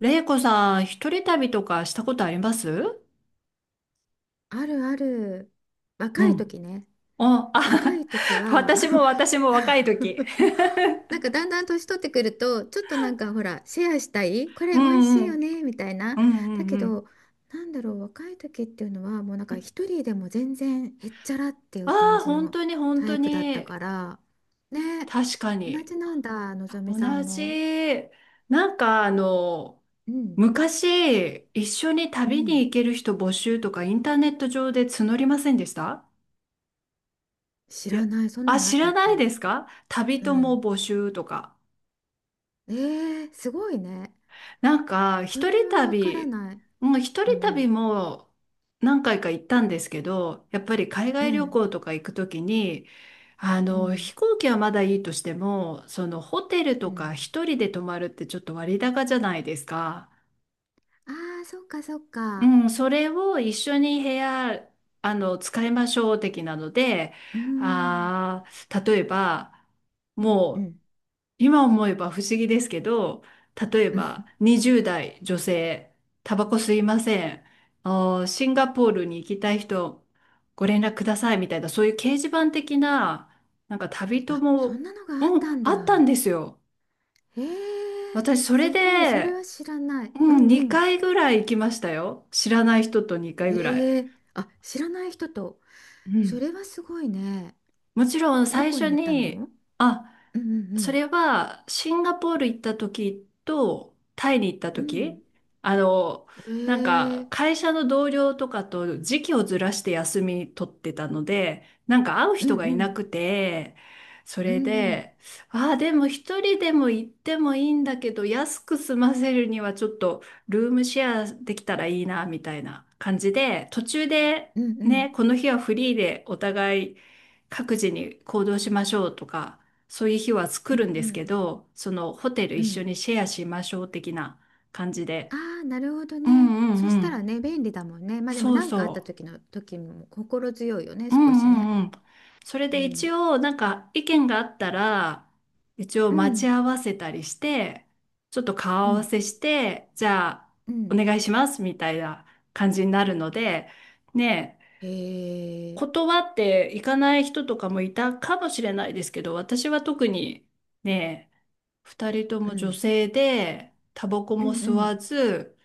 れいこさん、一人旅とかしたことあります？あるある。う若いん。時ね。あ、若あ、い時 は 私も 私も若い時。なんかだんだん年取ってくると、ちょっとなんかほら、シェアしたい、こうれ美味んしいうよん。ね、みたいな。うだんけうんど、なんだろう、若い時っていうのは、もうなんうかん。一人でも全然へっちゃらっていあう感あ、じ本の当に本タ当イプだったに。から、ね、確か同に。じなんだ、のぞみ同さんも。じ。なんかあの、うん、昔、一緒にう旅にん。行ける人募集とかインターネット上で募りませんでした？知いらや、ない、そんなあ、のあ知ったらっないけ？ですか、旅う友ん。募集とか。えー、すごいね。なんか、そ一れ人はわから旅、ない。もう一う人旅ん。も何回か行ったんですけど、やっぱり海う外旅ん。行とか行くときに、あうの、ん。飛行機はまだいいとしても、そのホテルうとん。か一人で泊まるってちょっと割高じゃないですか。ああー、そっかそっうか。ん、それを一緒に部屋、あの、使いましょう的なので、うーん。あー、例えば、もうん。うう、ん。 今思えば不思議ですけど、例えば 20代女性、タバコ吸いません。あー、シンガポールに行きたい人、ご連絡くださいみたいな、そういう掲示板的な、なんか旅あ、友そんも、なのがあっうん、たんあったんだ。ですよ。へえ、私、それすごい。それで、は知らない。ううん、ん。うん。2回ぐらい行きましたよ。知らない人と2回ぐらい。ええ、あ、知らない人と。うそん。れはすごいね。もちろんど最こ初に行ったに、の？あ、うん。うそん。れはシンガポール行った時とタイに行ったう時、ん。あの、なんうかん。ええ。会社の同僚とかと時期をずらして休み取ってたので、なんか会ううん。人がういなん。くて、そうれん。で、ああ、でも一人でも行ってもいいんだけど、安く済ませるにはちょっとルームシェアできたらいいな、みたいな感じで、途中でうん。うん。うん。ね、この日はフリーでお互い各自に行動しましょうとか、そういう日は作うん。うるんですけん。ど、そのホテルう一緒ん。にシェアしましょう的な感じで。ああ、なるほどうね。んうんそしうたん。らね、便利だもんね。まあでもそう何かあったそ時の時も心強いよね、う。う少んしね。うんうん。それうで一ん。応なんか意見があったら、一応う待ちん。合わせたりして、ちょっと顔う合わん。せして、じゃあうおん。願いしますみたいな感じになるので、ねえ、へえ。断っていかない人とかもいたかもしれないですけど、私は特にねえ、二人とうも女ん。性で、タバコうもんう吸わんず、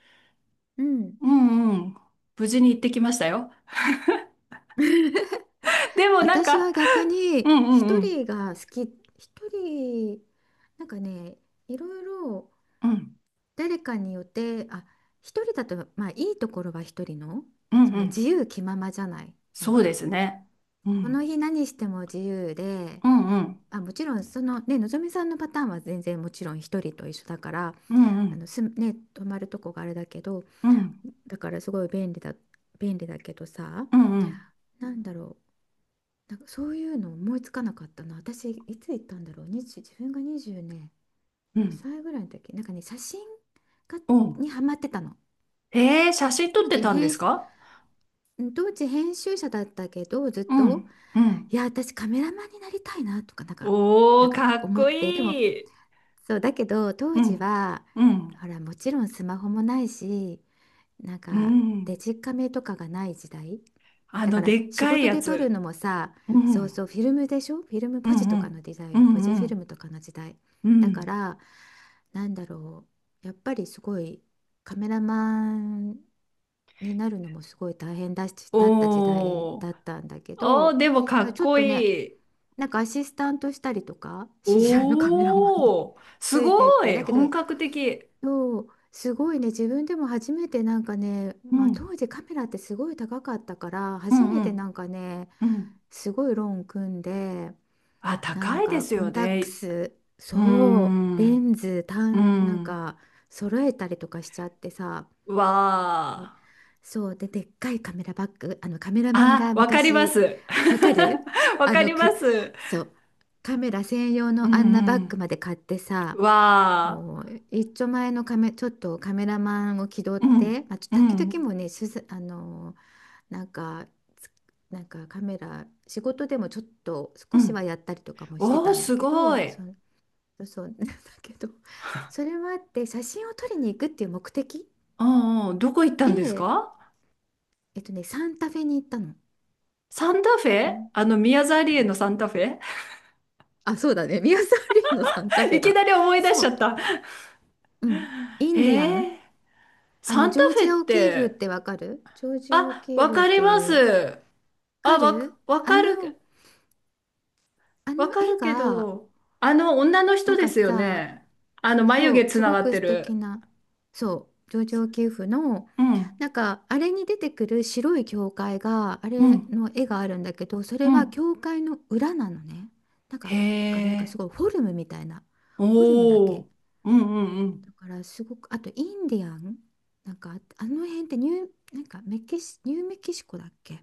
うん。うんうん、無事に行ってきましたよ。でもなん私か、は逆うんにうんう一ん、人が好き、一人、なんかね、いろいろうん、誰かによって、あ、一人だと、まあいいところは一人の、うんそうの自ん、由気ままじゃない、なそんうでか。すね。うそのん、日何しても自由で、うんうん、あ、もちろんそのね、のぞみさんのパターンは全然もちろん一人と一緒だから、うんうあのん、すね、泊まるとこがあれだけど、うん、だからすごい便利だ、便利だけどさ、うんうん、なんだろう、なんかそういうの思いつかなかったな。私、いつ行ったんだろう、2自分が20ね、うん、5歳ぐらいの時、なんかね、写真がおうん。にハマってたの。えー、写真撮っ当て時たんで編す集、か？うん当時編集者だったけど、ずっうと、ん、うん。いや、私カメラマンになりたいなとか、なんか、なおんー、かかっ思っこて、でも、いい。そうだけど当う時ん、はうん、ほらもちろんスマホもないしなんうかデん。ジカメとかがない時代あだの、からでっ仕かい事やで撮るつ。のもさ、うそうん、そうフィルムでしょ、フィルムうポんうジとかのん、時代うよ、ポジんうフィルムん、とかの時代うだかん。ら、なんだろう、やっぱりすごいカメラマンになるのもすごい大変だし、だった時代おー。だったんだけおー、ど、でもかっちょっことね、いい。なんかアシスタントしたりとか知り合いのカメラマンに おー。すついてっごてい。だけ本ど、格的。そう、すごいね、自分でも初めてなんかね、うまあ、ん。当時カメラってすごい高かったから、う初んめうてんなんかね、うん。すごいローン組んで、あ、な高んいでかすコよンタックね。ス、うーそう、レん。ンズ、う単、なんん。か揃えたりとかしちゃってさ、わで、ー。そうで、でっかいカメラバッグ、あのカメラマンあ、がわかりま昔、す。わかる、 わあかのりまく、す。そう、カメラ専用うのあんなバッグんまで買ってさ、うん。わもう一丁前のカメ、ちょっとカメラマンを気取っー。うて、んまあ、ちうょ時々んもね、取材あの、なんか、つ、なんかカメラ、仕事でもちょっとう少しはん。やったりとかもしておー、たんだすけごど、い。そ、そう、そう なんだけど、それはあって写真を撮りに行くっていう目的うんうん。どこ行ったんですで、か？えっとね、サンタフェに行ったの。サンタフあェ、ん、あの、宮沢うりえん、のサンタフェ。 あ、そうだね、ミ沢サリーのサンタ フェいきだ。なり思い出しそちゃう、った。うん、イえンディアン。ー、あサのンジタョーフェジっア・オキーフって、てわかる？ジョージア・オあ、キーわフっかりていまうす。かあ、わる、か、わあかの、る、あわのか絵るけが、ど、あの女の人なんでかすよさ、ね。あの眉そ毛う、つすなごがっくて素敵る。な、そう、上場給付の、うん、なんか、あれに出てくる白い教会が、あうれん、の絵があるんだけど、そうれはん。教会の裏なのね。なんへか、だからなんかすえ、ごいフォルムみたいな、フォルムだおけ。ー、うん、うん、だからすごく、あとインディアン、なんか、あの辺ってニュー、なんかメキシ、ニューメキシコだっけ？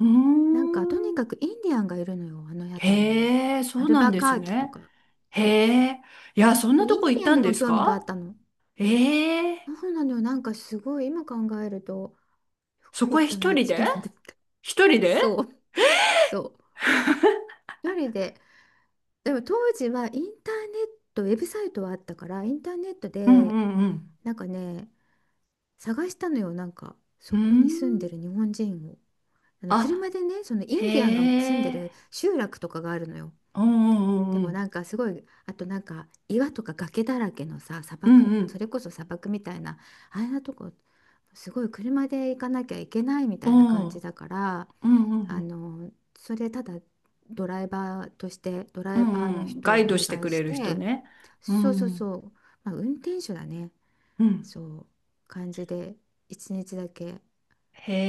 うなんかとん。にうーん、かくインディアンがいるのよ、あの辺りに。へえ、そアうルなんバでカすーキとね。か。へそう。え、いや、そんで、なイとこン行デっィアンたにんでもす興味があか？ったの。ええ、そうなのよ、なんかすごい今考えると、よそくこ行へった一なっ人て一で？人で思った。一人 で？そう、そう。一人で。でも当時はインターネット、ウェブサイトはあったから、インターネットうんうで、んうん。なんかね、探したのよ、なんか、うーそこにん。住んでる日本人を。あの車あ、でね、そのイへンディアンが住んでえ。る集落とかがあるのよ。うでんうもんなんかすごい、あとなんか岩とか崖だらけのさ、砂うん漠、うそん。れこそ砂漠みたいなあんなとこ、すごい車で行かなきゃいけないみたういなんう感じん。だから、うんうんうあん。の、それただドライバーとしてドうライんうバーのんうん、人ガをイおドして願くいしれる人て、ね。うそうそうん。そう、まあ、運転手だね、うん。そう感じで1日だけ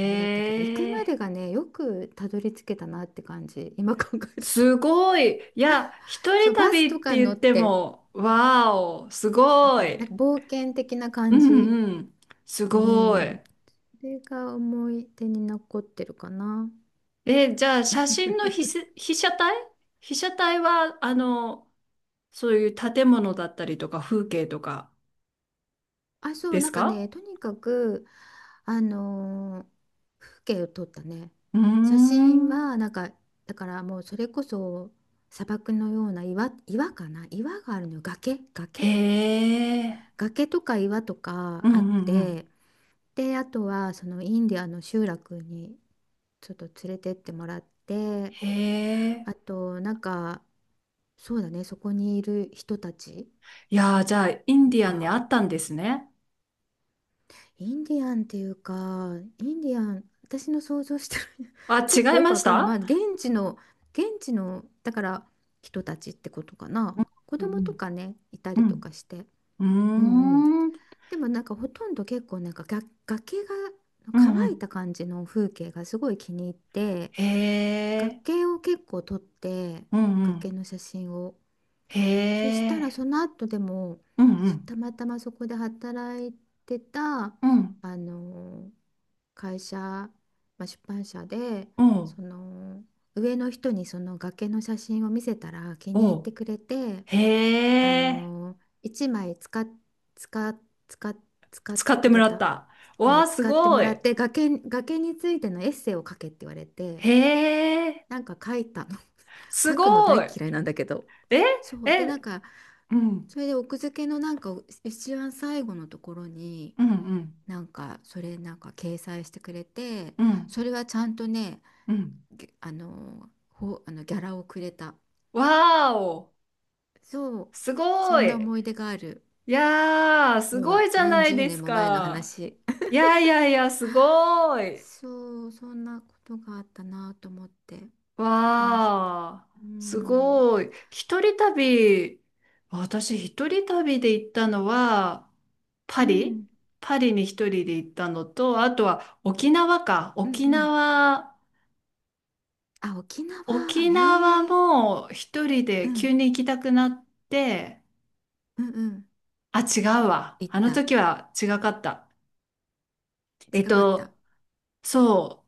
あれだったけど、行くまでえ。がね、よくたどり着けたなって感じ、今考えると。すごい。いや、一人そうバスと旅ってかに乗言っってて、も、わーお、すなごんい。か冒険的なう感じ。んうん。すうごい。ん。それが思い出に残ってるかな。え、じゃあ、写真の被 せ、被写体被写体は、あの、そういう建物だったりとか、風景とかあ、そでう、すなんかか？ね、とにかく、あのー風景を撮ったね。うー写真ん。は、なんか、だからもうそれこそ砂漠のような岩、岩かな、岩があるのよ。崖、崖、へえ。崖とか岩とうかんあっうんうん。て、で、あとはそのインディアの集落にちょっと連れてってもらって、へあえ。と、なんか、そうだね、そこにいる人たちいやー、じゃあ、インディアンにあが、ったんですね。インディアンっていうか、インディアン、私の想像してる あ、ちょ違っといよくまわしからない。まあ、た？現地の、現地の、だから人たちってことかな。子う供とんかね、いたうりとん。かして。ううん、うん。ん。うーん。でもなんかほとんど結構なんかが崖がう乾んういん。た感じの風景がすごい気に入って、へえ。崖を結構撮って、うんう崖ん。の写真を。へそしたらえ。その後でも、うんうすん。たまたまそこで働いてた、うん。あの会社、まあ、出版社でおう。その上の人にその崖の写真を見せたら気に入おっう。てくれて、あへえ。の1枚使っ、使っ、使っ、使てってくもれらった、た。うわん、あ、す使ってもごらい。って、崖、崖についてのエッセイを書けって言われて、へえ。なんか書いたの。 す書くのごい。大嫌いなんだけど、えそうで、なんえ、か、うん。それで奥付けのなんか一番最後のところに、うんうん。なんかそれなんか掲載してくれて、うん。それはちゃんとね、うん。ぎあのほあのギャラをくれた。わーお、そう、すそごんない。思い出がある。いやー、すもごういじゃ何ない十で年すも前のか。話。 いやいやいや、すご い。そう、そんなことがあったなと思って。でもひ、わー、うすん。ごい。一人旅、私一人旅で行ったのは、パうリ、ん。パリに一人で行ったのと、あとは沖縄か。うん。沖うん。縄、あ、沖縄、沖縄へえ。も一人うで急ん。に行きたくなって、うん。うん。あ、違うわ。行っあのた？時は違かった。え違っかった？と、そ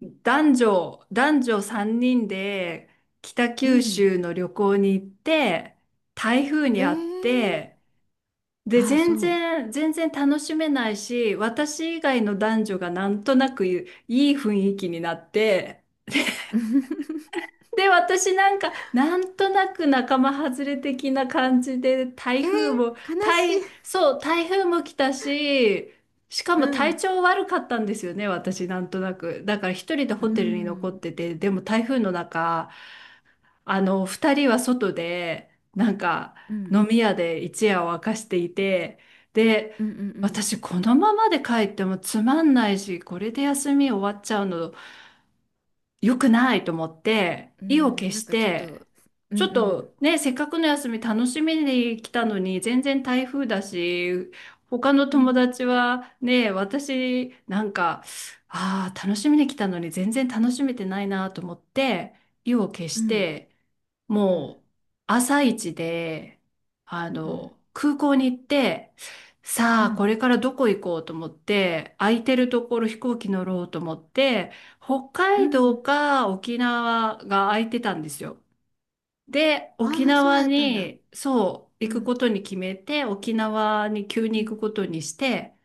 う、男女3人で北う九ん。州の旅行に行って、台風へにあっえ。て、で、ああ、全そう。然、全然楽しめないし、私以外の男女がなんとなくいい雰囲気になって、で、私なんか、なんとなく仲間外れ的な感じで、台え風も、ー、悲し台、い。そう、台風も来たし、しかもう体ん。調悪かったんですよね、私、なんとなく。だから一人でうホテルに残っん。てて、でも台風の中、あの、二人は外で、なんか、うん。飲み屋で一夜を明かしていて、で、うん。うん。うん。私、このままで帰ってもつまんないし、これで休み終わっちゃうの良くないと思って、う意をん。決なしんかちょって、と、うん、うちょっん。とね、せっかくの休み楽しみに来たのに、全然台風だし、他のう友ん。達はね、私なんか、ああ、楽しみに来たのに全然楽しめてないなと思って、意を決うしん。て、うん。もう朝一で、あうん。の、空港に行って、さあ、これからどこ行こうと思って、空いてるところ飛行機乗ろうと思って、北う海ん。道か沖縄が空いてたんですよ。で、あ沖あー、そう縄だったんだ。に、そう、う行くん。ことに決めて、沖縄に急うに行ん。くことにして、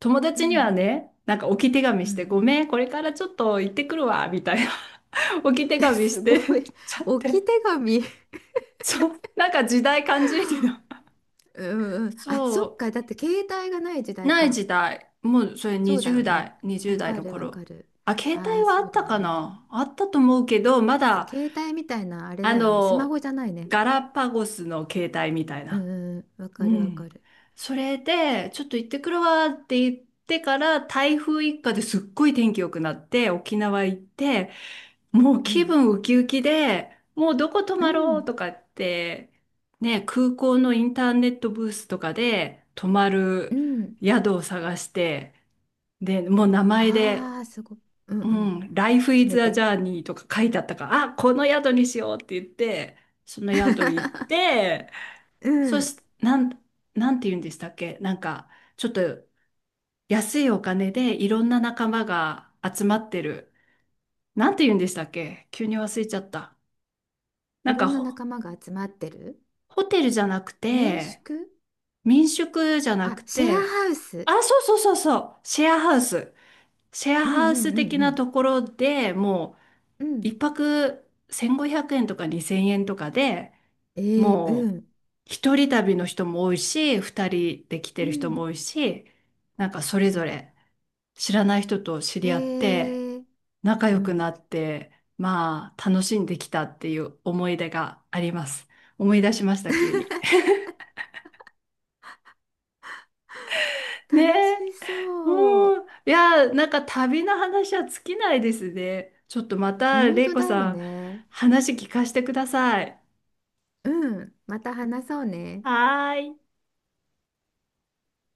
友う達にはん。ね、なんか置き手紙うして、ん。ごめん、これからちょっと行ってくるわ、みたいな、 置き 手え、紙すしごて い。ちゃ っ置て。き手紙。そう、なんか時代感じるけど。うん、うん。あ、そっそか。だって携帯がない時う、代ないか。時代。もうそれそうだよ20ね。代、わ20代かのる、わ頃。かる。あ、携あ帯あ、はあそっうだたよかね。な、あったと思うけど、ますだ、携帯みたいなあれあだよね。スマホの、じゃないね。ガラパゴスの携帯みたいうん、な。うん、うん。わうかる、わん。かる。それで、ちょっと行ってくるわって言ってから、台風一過ですっごい天気良くなって、沖縄行って、もうう気ん。分ウキウキで、もうどこ泊うまろうん。とかって、ね、空港のインターネットブースとかで泊まうるん。宿を探して、で、もう名前で、ああ、すごい。うん、ううん。ん、Life 決 is め a て。Journey とか書いてあったから、あ、この宿にしようって言って、その宿行っ て、うそん。して、なんて言うんでしたっけ、なんか、ちょっと安いお金でいろんな仲間が集まってる。なんて言うんでしたっけ、急に忘れちゃった。ないんろかんなほ仲間が集まってる。ホテルじゃなく民て、宿。民宿じゃなあ、くシェアて、ハウス。あ、そうそうそうそう、シェアハウス。シェアうん、うハウスん、的うなん、ところでもうん。うう、ん。一泊1500円とか2000円とかで、えー、うもう、ん。一人旅の人も多いし、二人で来てうる人ん。も多いし、なんかそれうぞん。れ知らない人と知えり合って、ー、仲う良くん。なって、まあ、楽しんできたっていう思い出があります。思い出しました、急に。ね楽え。しそう。おー、いやー、なんか旅の話は尽きないですね。ちょっとまた、本れい当こだよさん、ね。話聞かせてください。うん。また話そうね。はーい。